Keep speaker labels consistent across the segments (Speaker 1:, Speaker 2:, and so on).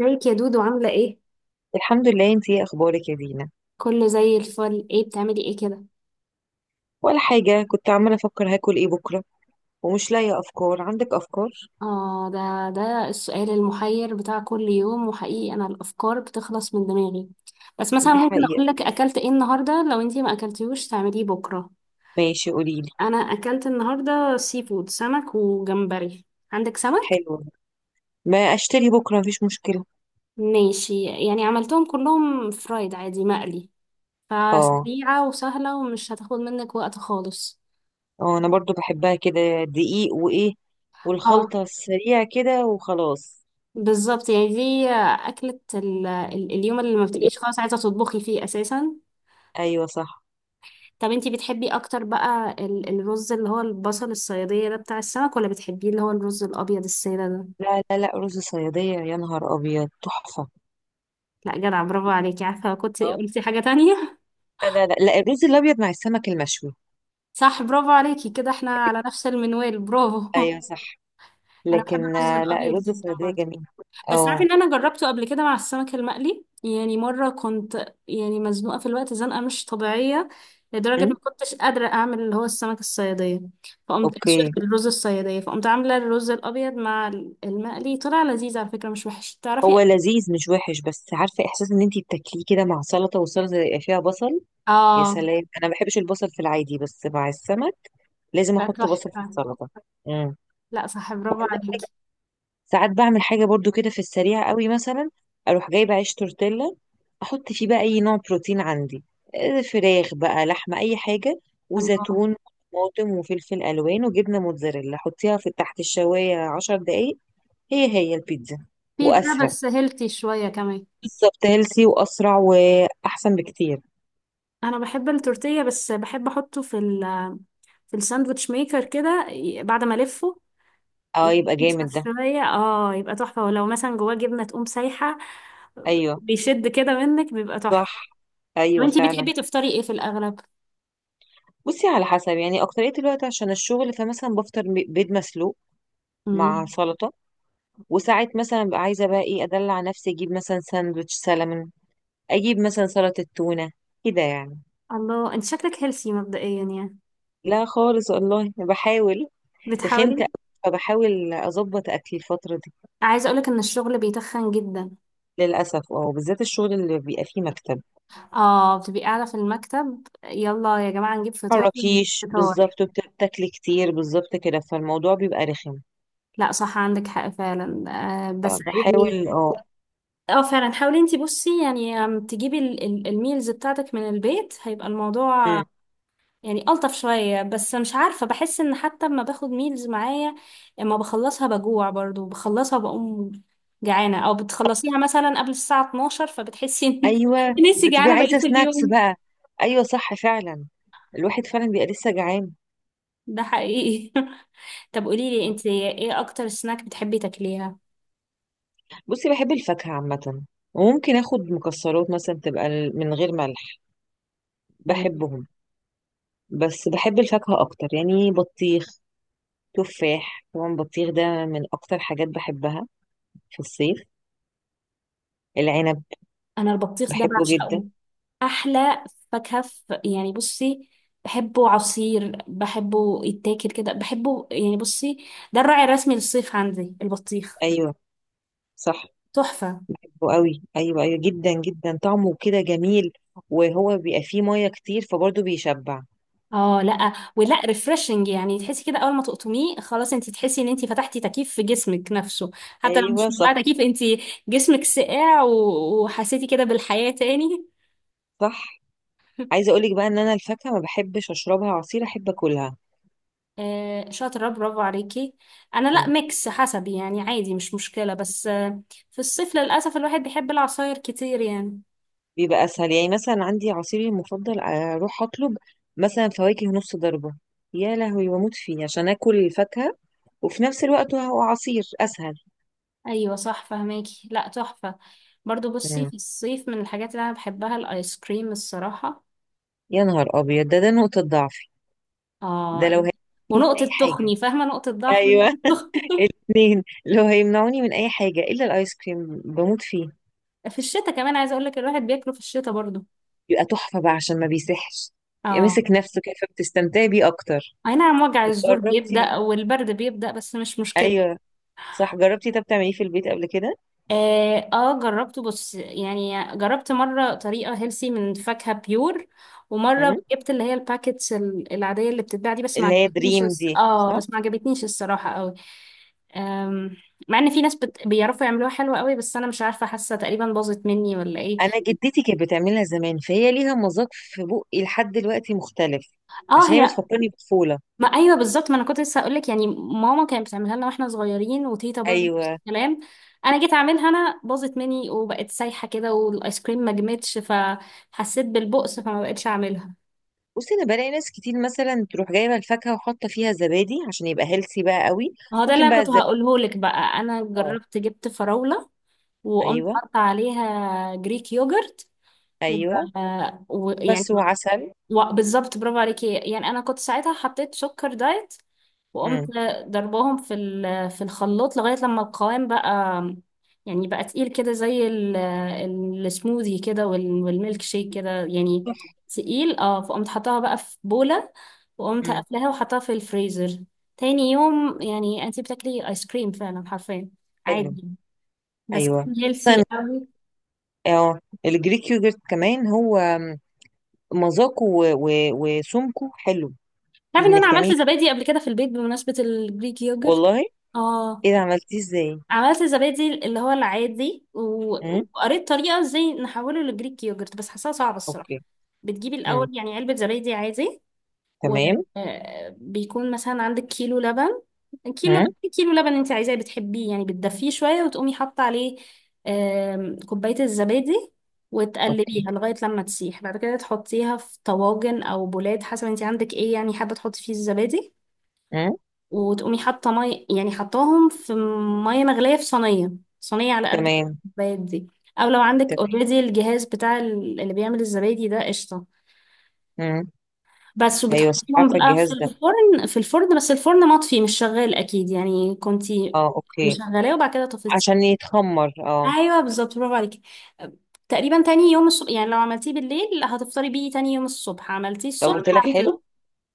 Speaker 1: ازيك يا دودو؟ عاملة ايه؟
Speaker 2: الحمد لله. انتي ايه اخبارك يا دينا؟
Speaker 1: كله زي الفل. ايه بتعملي ايه كده؟
Speaker 2: ولا حاجة، كنت عمالة افكر هاكل ايه بكرة ومش لاقية افكار. عندك افكار؟
Speaker 1: اه ده ده السؤال المحير بتاع كل يوم، وحقيقي انا الافكار بتخلص من دماغي. بس مثلا
Speaker 2: دي
Speaker 1: ممكن
Speaker 2: حقيقة.
Speaker 1: اقول لك اكلت ايه النهاردة، لو انتي ما اكلتيهوش تعمليه بكرة.
Speaker 2: ماشي قوليلي.
Speaker 1: انا اكلت النهاردة سي فود، سمك وجمبري. عندك سمك؟
Speaker 2: حلو، ما اشتري بكرة مفيش مشكلة.
Speaker 1: ماشي، يعني عملتهم كلهم فرايد، عادي مقلي،
Speaker 2: اه
Speaker 1: فسريعة وسهلة ومش هتاخد منك وقت خالص.
Speaker 2: اه، انا برضو بحبها كده، دقيق وايه،
Speaker 1: اه
Speaker 2: والخلطة السريعة كده وخلاص.
Speaker 1: بالظبط، يعني دي أكلة اليوم اللي ما بتبقيش خلاص عايزة تطبخي فيه أساسا.
Speaker 2: ايوه صح.
Speaker 1: طب انتي بتحبي أكتر بقى الرز اللي هو البصل الصيادية ده بتاع السمك، ولا بتحبيه اللي هو الرز الأبيض السادة ده؟
Speaker 2: لا لا لا، رز صيادية، يا نهار ابيض تحفة.
Speaker 1: لا جدع، برافو عليكي، عارفة كنت
Speaker 2: اه.
Speaker 1: قلتي حاجة تانية.
Speaker 2: لا لا لا، الرز الابيض مع السمك المشوي.
Speaker 1: صح، برافو عليكي، كده احنا على نفس المنوال، برافو.
Speaker 2: ايوه صح.
Speaker 1: أنا بحب
Speaker 2: لكن
Speaker 1: الرز
Speaker 2: لا،
Speaker 1: الأبيض
Speaker 2: الرز
Speaker 1: جدا
Speaker 2: الصيادية
Speaker 1: برضه،
Speaker 2: جميل.
Speaker 1: بس
Speaker 2: اه.
Speaker 1: عارفه ان انا جربته قبل كده مع السمك المقلي. يعني مره كنت، يعني مزنوقه في الوقت زنقه مش طبيعيه، لدرجه ما
Speaker 2: أم،
Speaker 1: كنتش قادره اعمل اللي هو السمك الصياديه. فقمت
Speaker 2: اوكي.
Speaker 1: الرز الصياديه، فقمت عامله الرز الابيض مع المقلي. طلع لذيذ على فكره، مش وحش، تعرفي.
Speaker 2: هو لذيذ مش وحش، بس عارفه احساس ان انتي بتاكليه كده مع سلطه، والسلطه يبقى فيها بصل. يا
Speaker 1: اه
Speaker 2: سلام، انا ما بحبش البصل في العادي، بس مع السمك لازم
Speaker 1: لا
Speaker 2: احط بصل في
Speaker 1: تحفه.
Speaker 2: السلطه. امم.
Speaker 1: لا صح، برافو عليكي.
Speaker 2: ساعات بعمل حاجه برضو كده في السريع قوي، مثلا اروح جايبه عيش تورتيلا، احط فيه بقى اي نوع بروتين عندي، فراخ بقى، لحمه، اي حاجه،
Speaker 1: الله.
Speaker 2: وزيتون وطماطم وفلفل الوان وجبنه موتزاريلا، حطيها في تحت الشوايه 10 دقايق. هي هي البيتزا.
Speaker 1: بيتزا
Speaker 2: واسرع.
Speaker 1: بس هيلثي شويه كمان.
Speaker 2: بالظبط، هيلسي واسرع واحسن بكتير.
Speaker 1: انا بحب التورتيه بس بحب احطه في الساندوتش ميكر كده، بعد ما الفه
Speaker 2: اه،
Speaker 1: يبقى
Speaker 2: يبقى جامد ده.
Speaker 1: شفاية، اه يبقى تحفة، ولو مثلا جواه جبنة تقوم سايحة،
Speaker 2: ايوه
Speaker 1: بيشد كده منك، بيبقى تحفة.
Speaker 2: صح.
Speaker 1: طب
Speaker 2: ايوه
Speaker 1: انتي
Speaker 2: فعلا.
Speaker 1: بتحبي تفطري ايه في الأغلب؟
Speaker 2: بصي، على حسب يعني، اكتريه الوقت عشان الشغل، فمثلا بفطر بيض مسلوق مع
Speaker 1: مم.
Speaker 2: سلطه. وساعات مثلا ببقى عايزه بقى ايه، ادلع نفسي، اجيب مثلا ساندوتش سلمون، اجيب مثلا سلطه تونه، كده يعني.
Speaker 1: الله، انت شكلك هيلثي مبدئيا يعني.
Speaker 2: لا خالص والله، بحاول. تخنت
Speaker 1: بتحاولي.
Speaker 2: أوي، فبحاول اظبط اكلي الفتره دي.
Speaker 1: عايزة اقولك ان الشغل بيتخن جدا.
Speaker 2: للاسف اه، بالذات الشغل اللي بيبقى فيه مكتب،
Speaker 1: اه، بتبقي قاعدة في المكتب، يلا يا جماعة نجيب فطار نجيب
Speaker 2: متحركيش
Speaker 1: فطار.
Speaker 2: بالظبط، وبتاكلي كتير بالظبط كده، فالموضوع بيبقى رخم.
Speaker 1: لا صح، عندك حق فعلا. آه بس يعني.
Speaker 2: فبحاول اه.
Speaker 1: اه فعلا حاولي، انتي بصي يعني، تجيبي الميلز بتاعتك من البيت، هيبقى الموضوع
Speaker 2: مم.
Speaker 1: يعني ألطف شوية. بس مش عارفة بحس إن حتى لما باخد ميلز معايا، اما بخلصها بجوع برضو، بخلصها بقوم جعانة، أو بتخلصيها مثلا قبل الساعة 12، فبتحسي إن
Speaker 2: ايوه،
Speaker 1: إن انتي
Speaker 2: بتبقي
Speaker 1: جعانة بقية
Speaker 2: عايزه سناكس
Speaker 1: اليوم.
Speaker 2: بقى. ايوه صح فعلا، الواحد فعلا بيبقى لسه جعان.
Speaker 1: ده حقيقي. طب قوليلي، انتي ايه أكتر سناك بتحبي تاكليها؟
Speaker 2: بصي، بحب الفاكهه عامه، وممكن اخد مكسرات مثلا تبقى من غير ملح،
Speaker 1: تمام.
Speaker 2: بحبهم. بس بحب الفاكهه اكتر، يعني بطيخ، تفاح، طبعا بطيخ ده من اكتر حاجات بحبها في الصيف، العنب.
Speaker 1: أنا البطيخ ده
Speaker 2: بحبه جدا.
Speaker 1: بعشقه. أحلى فاكهة يعني بصي، بحبه عصير، بحبه يتاكل كده، بحبه، يعني بصي، ده الراعي الرسمي للصيف عندي، البطيخ.
Speaker 2: ايوه صح.
Speaker 1: تحفة.
Speaker 2: حلو قوي، ايوه ايوه جدا جدا، طعمه كده جميل، وهو بيبقى فيه ميه كتير فبرضه بيشبع.
Speaker 1: اه لا ولا، ريفرشنج يعني، تحسي كده اول ما تقطميه خلاص، انت تحسي ان انت فتحتي تكييف في جسمك نفسه، حتى لو
Speaker 2: ايوه
Speaker 1: مش
Speaker 2: صح.
Speaker 1: مولعه تكييف، انت جسمك ساقع، وحسيتي كده بالحياه تاني.
Speaker 2: صح. عايزه اقولك بقى ان انا الفاكهه ما بحبش اشربها عصير، احب اكلها.
Speaker 1: آه شاطره، برافو عليكي. انا لا،
Speaker 2: مم.
Speaker 1: ميكس حسب يعني، عادي مش مشكله، بس آه، في الصيف للاسف الواحد بيحب العصاير كتير يعني.
Speaker 2: بيبقى اسهل، يعني مثلا عندي عصيري المفضل، اروح اطلب مثلا فواكه نص ضربه، يا لهوي بموت فيه عشان اكل الفاكهه وفي نفس الوقت هو عصير اسهل.
Speaker 1: ايوه صح، فهماكي. لا تحفه. برضو بصي،
Speaker 2: مم.
Speaker 1: في الصيف من الحاجات اللي انا بحبها الايس كريم، الصراحه.
Speaker 2: يا نهار ابيض، ده نقطه ضعفي. ده
Speaker 1: اه.
Speaker 2: لو هي من
Speaker 1: ونقطة
Speaker 2: اي حاجه.
Speaker 1: تخني، فاهمة؟ نقطة ضعف
Speaker 2: ايوه.
Speaker 1: ونقطة تخني.
Speaker 2: الاثنين، لو هيمنعوني من اي حاجه الا الايس كريم بموت فيه.
Speaker 1: في الشتاء كمان عايزة اقول لك الواحد بياكله في الشتاء برضو.
Speaker 2: يبقى تحفه بقى عشان ما بيسحش، يبقى
Speaker 1: اه.
Speaker 2: ماسك نفسه كده فبتستمتعي بيه اكتر.
Speaker 1: اي نعم، وجع
Speaker 2: طب
Speaker 1: الزور
Speaker 2: جربتي؟
Speaker 1: بيبدأ والبرد بيبدأ، بس مش مشكلة.
Speaker 2: ايوه صح، جربتي؟ طب تعمليه في البيت قبل كده؟
Speaker 1: جربته، بص يعني، جربت مرة طريقة هيلسي من فاكهة بيور، ومرة
Speaker 2: مم.
Speaker 1: جبت اللي هي الباكتس العادية اللي بتتباع دي، بس ما
Speaker 2: اللي هي
Speaker 1: عجبتنيش
Speaker 2: دريم
Speaker 1: الس-
Speaker 2: دي،
Speaker 1: اه
Speaker 2: صح؟
Speaker 1: بس ما عجبتنيش الصراحة قوي. آم، مع ان في ناس بيعرفوا يعملوها حلوة قوي، بس انا مش عارفة، حاسة تقريبا باظت مني ولا ايه.
Speaker 2: انا جدتي كانت بتعملها زمان، فهي ليها مذاق في بقي لحد دلوقتي مختلف،
Speaker 1: اه
Speaker 2: عشان هي
Speaker 1: هي.
Speaker 2: بتفكرني بطفوله.
Speaker 1: ما ايوه، بالظبط، ما انا كنت لسه هقول لك، يعني ماما كانت بتعملها لنا واحنا صغيرين، وتيتا برضو نفس
Speaker 2: ايوه.
Speaker 1: الكلام. انا جيت اعملها انا، باظت مني وبقت سايحه كده، والايس كريم ما جمدش، فحسيت بالبؤس، فما بقتش اعملها.
Speaker 2: بصي انا بلاقي ناس كتير مثلا تروح جايبه الفاكهه وحاطه فيها زبادي عشان يبقى هيلثي بقى قوي.
Speaker 1: ما هو ده اللي
Speaker 2: ممكن
Speaker 1: انا
Speaker 2: بقى
Speaker 1: كنت
Speaker 2: الزبادي.
Speaker 1: هقوله لك بقى، انا
Speaker 2: اه.
Speaker 1: جربت، جبت فراوله، وقمت
Speaker 2: ايوه
Speaker 1: حاطه عليها جريك يوجرت، و-
Speaker 2: ايوه.
Speaker 1: ويعني
Speaker 2: بس وعسل.
Speaker 1: بالظبط، برافو عليكي، يعني انا كنت ساعتها حطيت سكر دايت، وقمت
Speaker 2: مم.
Speaker 1: ضرباهم في الخلاط لغاية لما القوام بقى، يعني بقى تقيل كده زي السموذي كده والميلك شيك كده يعني.
Speaker 2: تحفة.
Speaker 1: تقيل اه، فقمت حطاها بقى في بولة، وقمت
Speaker 2: مم.
Speaker 1: قافلاها وحطاها في الفريزر. تاني يوم يعني انتي بتاكلي ايس كريم فعلا، حرفيا
Speaker 2: حلو.
Speaker 1: عادي، بس
Speaker 2: ايوه
Speaker 1: كان هيلثي
Speaker 2: مثلا.
Speaker 1: قوي.
Speaker 2: اه. الجريك يوجرت كمان، هو مذاقه وسمكه حلو.
Speaker 1: تعرفي ان انا
Speaker 2: انك
Speaker 1: عملت
Speaker 2: تعملي؟
Speaker 1: زبادي قبل كده في البيت، بمناسبة الجريك يوجرت.
Speaker 2: والله؟
Speaker 1: اه،
Speaker 2: ايه ده، عملتيه ازاي؟
Speaker 1: عملت الزبادي اللي هو العادي،
Speaker 2: امم.
Speaker 1: وقريت طريقة ازاي نحوله لجريك يوجرت، بس حاساها صعبة الصراحة.
Speaker 2: اوكي.
Speaker 1: بتجيبي
Speaker 2: امم.
Speaker 1: الأول يعني علبة زبادي عادي،
Speaker 2: تمام.
Speaker 1: وبيكون مثلا عندك كيلو لبن. كيلو لبن،
Speaker 2: امم.
Speaker 1: إيه كيلو لبن، انت عايزاه بتحبيه يعني، بتدفيه شوية وتقومي حاطة عليه كوباية الزبادي،
Speaker 2: اوكي.
Speaker 1: وتقلبيها لغاية لما تسيح. بعد كده تحطيها في طواجن أو بولات حسب انت عندك ايه، يعني حابة تحطي فيه الزبادي.
Speaker 2: امم.
Speaker 1: وتقومي حاطه ميه، يعني حطاهم في ميه مغليه في صينيه، صينيه على قد
Speaker 2: تمام.
Speaker 1: الكوبايات دي. او لو عندك
Speaker 2: تمام.
Speaker 1: اوريدي الجهاز بتاع اللي بيعمل الزبادي ده، قشطه.
Speaker 2: امم.
Speaker 1: بس
Speaker 2: ايوه صح،
Speaker 1: وبتحطيهم
Speaker 2: عارفه
Speaker 1: بقى في
Speaker 2: الجهاز ده.
Speaker 1: الفرن، في الفرن بس الفرن مطفي مش شغال، اكيد يعني كنتي
Speaker 2: اه اوكي.
Speaker 1: مشغلاه وبعد كده طفيتي.
Speaker 2: عشان يتخمر، اه.
Speaker 1: ايوه بالظبط، برافو عليكي. تقريبا تاني يوم الصبح، يعني لو عملتيه بالليل هتفطري بيه تاني يوم الصبح، عملتيه
Speaker 2: لو
Speaker 1: الصبح.
Speaker 2: طلع حلو.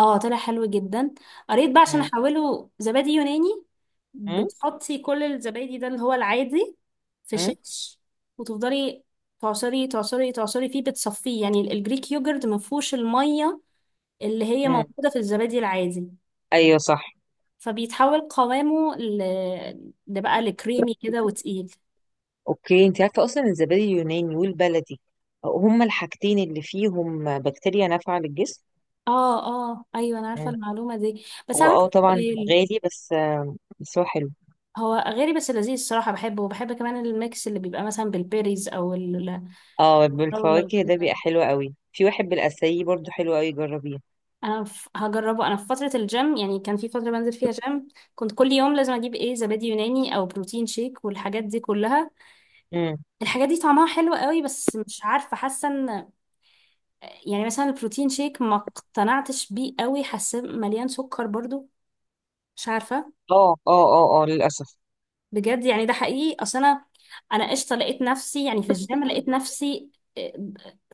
Speaker 1: اه طلع حلو جدا. قريت بقى عشان
Speaker 2: امم.
Speaker 1: احوله زبادي يوناني،
Speaker 2: امم.
Speaker 1: بتحطي كل الزبادي ده اللي هو العادي في
Speaker 2: امم.
Speaker 1: شيش، وتفضلي تعصري تعصري تعصري فيه، بتصفيه يعني الجريك يوجرت ما فيهوش الميه اللي هي
Speaker 2: أمم.
Speaker 1: موجوده في الزبادي العادي.
Speaker 2: ايوه صح.
Speaker 1: فبيتحول قوامه ده بقى لكريمي كده وتقيل.
Speaker 2: اوكي، انت عارفه اصلا الزبادي اليوناني والبلدي هما الحاجتين اللي فيهم بكتيريا نافعه للجسم.
Speaker 1: اه اه ايوه انا عارفه
Speaker 2: مم.
Speaker 1: المعلومه دي، بس
Speaker 2: هو
Speaker 1: أنا عندي
Speaker 2: اه طبعا
Speaker 1: سؤال.
Speaker 2: غالي، بس بس هو حلو.
Speaker 1: هو غالي بس لذيذ الصراحه، بحبه، وبحب كمان الميكس اللي بيبقى مثلا بالبيريز او الفراوله
Speaker 2: اه، بالفواكه ده بيبقى
Speaker 1: وكده.
Speaker 2: حلو قوي، في واحد بالاساي برضو حلو قوي، جربيه.
Speaker 1: انا هجربه. انا في فتره الجيم، يعني كان في فتره بنزل فيها جيم، كنت كل يوم لازم اجيب ايه، زبادي يوناني او بروتين شيك والحاجات دي كلها.
Speaker 2: مم.
Speaker 1: الحاجات دي طعمها حلو قوي، بس مش عارفه حاسه ان، يعني مثلا البروتين شيك ما اقتنعتش بيه قوي، حاسه مليان سكر برضو، مش عارفه.
Speaker 2: اه اه اه اه، للاسف.
Speaker 1: بجد يعني، ده حقيقي. اصل انا انا قشطه لقيت نفسي، يعني في الجيم لقيت نفسي آه،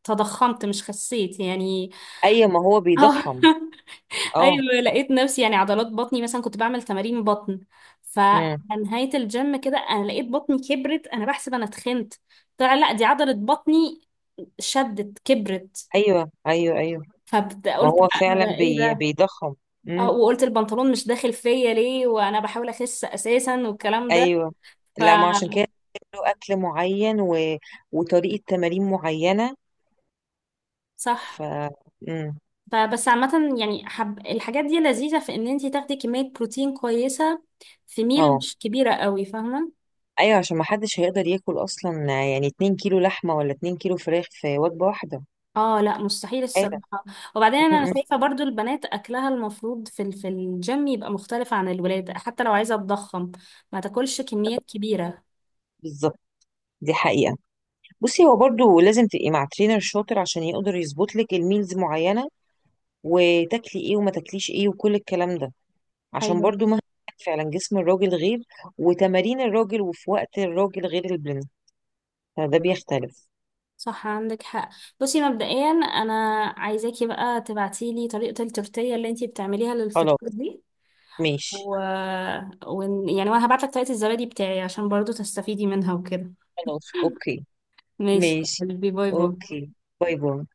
Speaker 1: تضخمت مش خسيت يعني.
Speaker 2: اي، ما هو
Speaker 1: اه.
Speaker 2: بيضخم. اه.
Speaker 1: ايوه لقيت نفسي، يعني عضلات بطني مثلا كنت بعمل تمارين بطن، فعلى
Speaker 2: مم.
Speaker 1: نهايه الجيم كده انا لقيت بطني كبرت، انا بحسب انا اتخنت، طلع لا دي عضله بطني شدت كبرت.
Speaker 2: ايوه ايوه ايوه. ما
Speaker 1: فقلت
Speaker 2: هو
Speaker 1: بقى انا
Speaker 2: فعلا
Speaker 1: ده ايه ده،
Speaker 2: بيضخم.
Speaker 1: اه،
Speaker 2: امم.
Speaker 1: وقلت البنطلون مش داخل فيا ليه وانا بحاول اخس اساسا والكلام ده.
Speaker 2: ايوه.
Speaker 1: ف
Speaker 2: لا ما عشان كده له اكل معين و... وطريقه تمارين معينه.
Speaker 1: صح.
Speaker 2: ف. امم.
Speaker 1: فبس عامة يعني، الحاجات دي لذيذة في ان انتي تاخدي كمية بروتين كويسة في ميل
Speaker 2: اه
Speaker 1: مش كبيرة قوي، فاهمة.
Speaker 2: ايوه، عشان ما حدش هيقدر ياكل اصلا، يعني 2 كيلو لحمه ولا 2 كيلو فراخ في وجبه واحده.
Speaker 1: اه لا مستحيل
Speaker 2: آلة.
Speaker 1: الصراحة. وبعدين انا
Speaker 2: م-م.
Speaker 1: شايفة برضو البنات اكلها المفروض في الجيم يبقى مختلف عن الولاد، حتى لو عايزة تضخم ما تاكلش كميات كبيرة.
Speaker 2: بالظبط. دي حقيقه. بصي، هو برضو لازم تبقي مع ترينر شاطر عشان يقدر يظبط لك الميلز معينه، وتاكلي ايه وما تاكليش ايه وكل الكلام ده، عشان
Speaker 1: ايوه
Speaker 2: برضو مهما كان، فعلا جسم الراجل غير، وتمارين الراجل، وفي وقت الراجل غير البلن، فده بيختلف.
Speaker 1: صح، عندك حق. بصي مبدئيا انا عايزاكي بقى تبعتيلي طريقة التورتية اللي انتي بتعمليها
Speaker 2: خلاص
Speaker 1: للفطار دي،
Speaker 2: ماشي.
Speaker 1: و... و... يعني وانا هبعتلك طريقة الزبادي بتاعي عشان برضو تستفيدي منها وكده.
Speaker 2: خلاص اوكي.
Speaker 1: ماشي يا
Speaker 2: ماشي.
Speaker 1: قلبي، باي باي.
Speaker 2: اوكي. باي باي.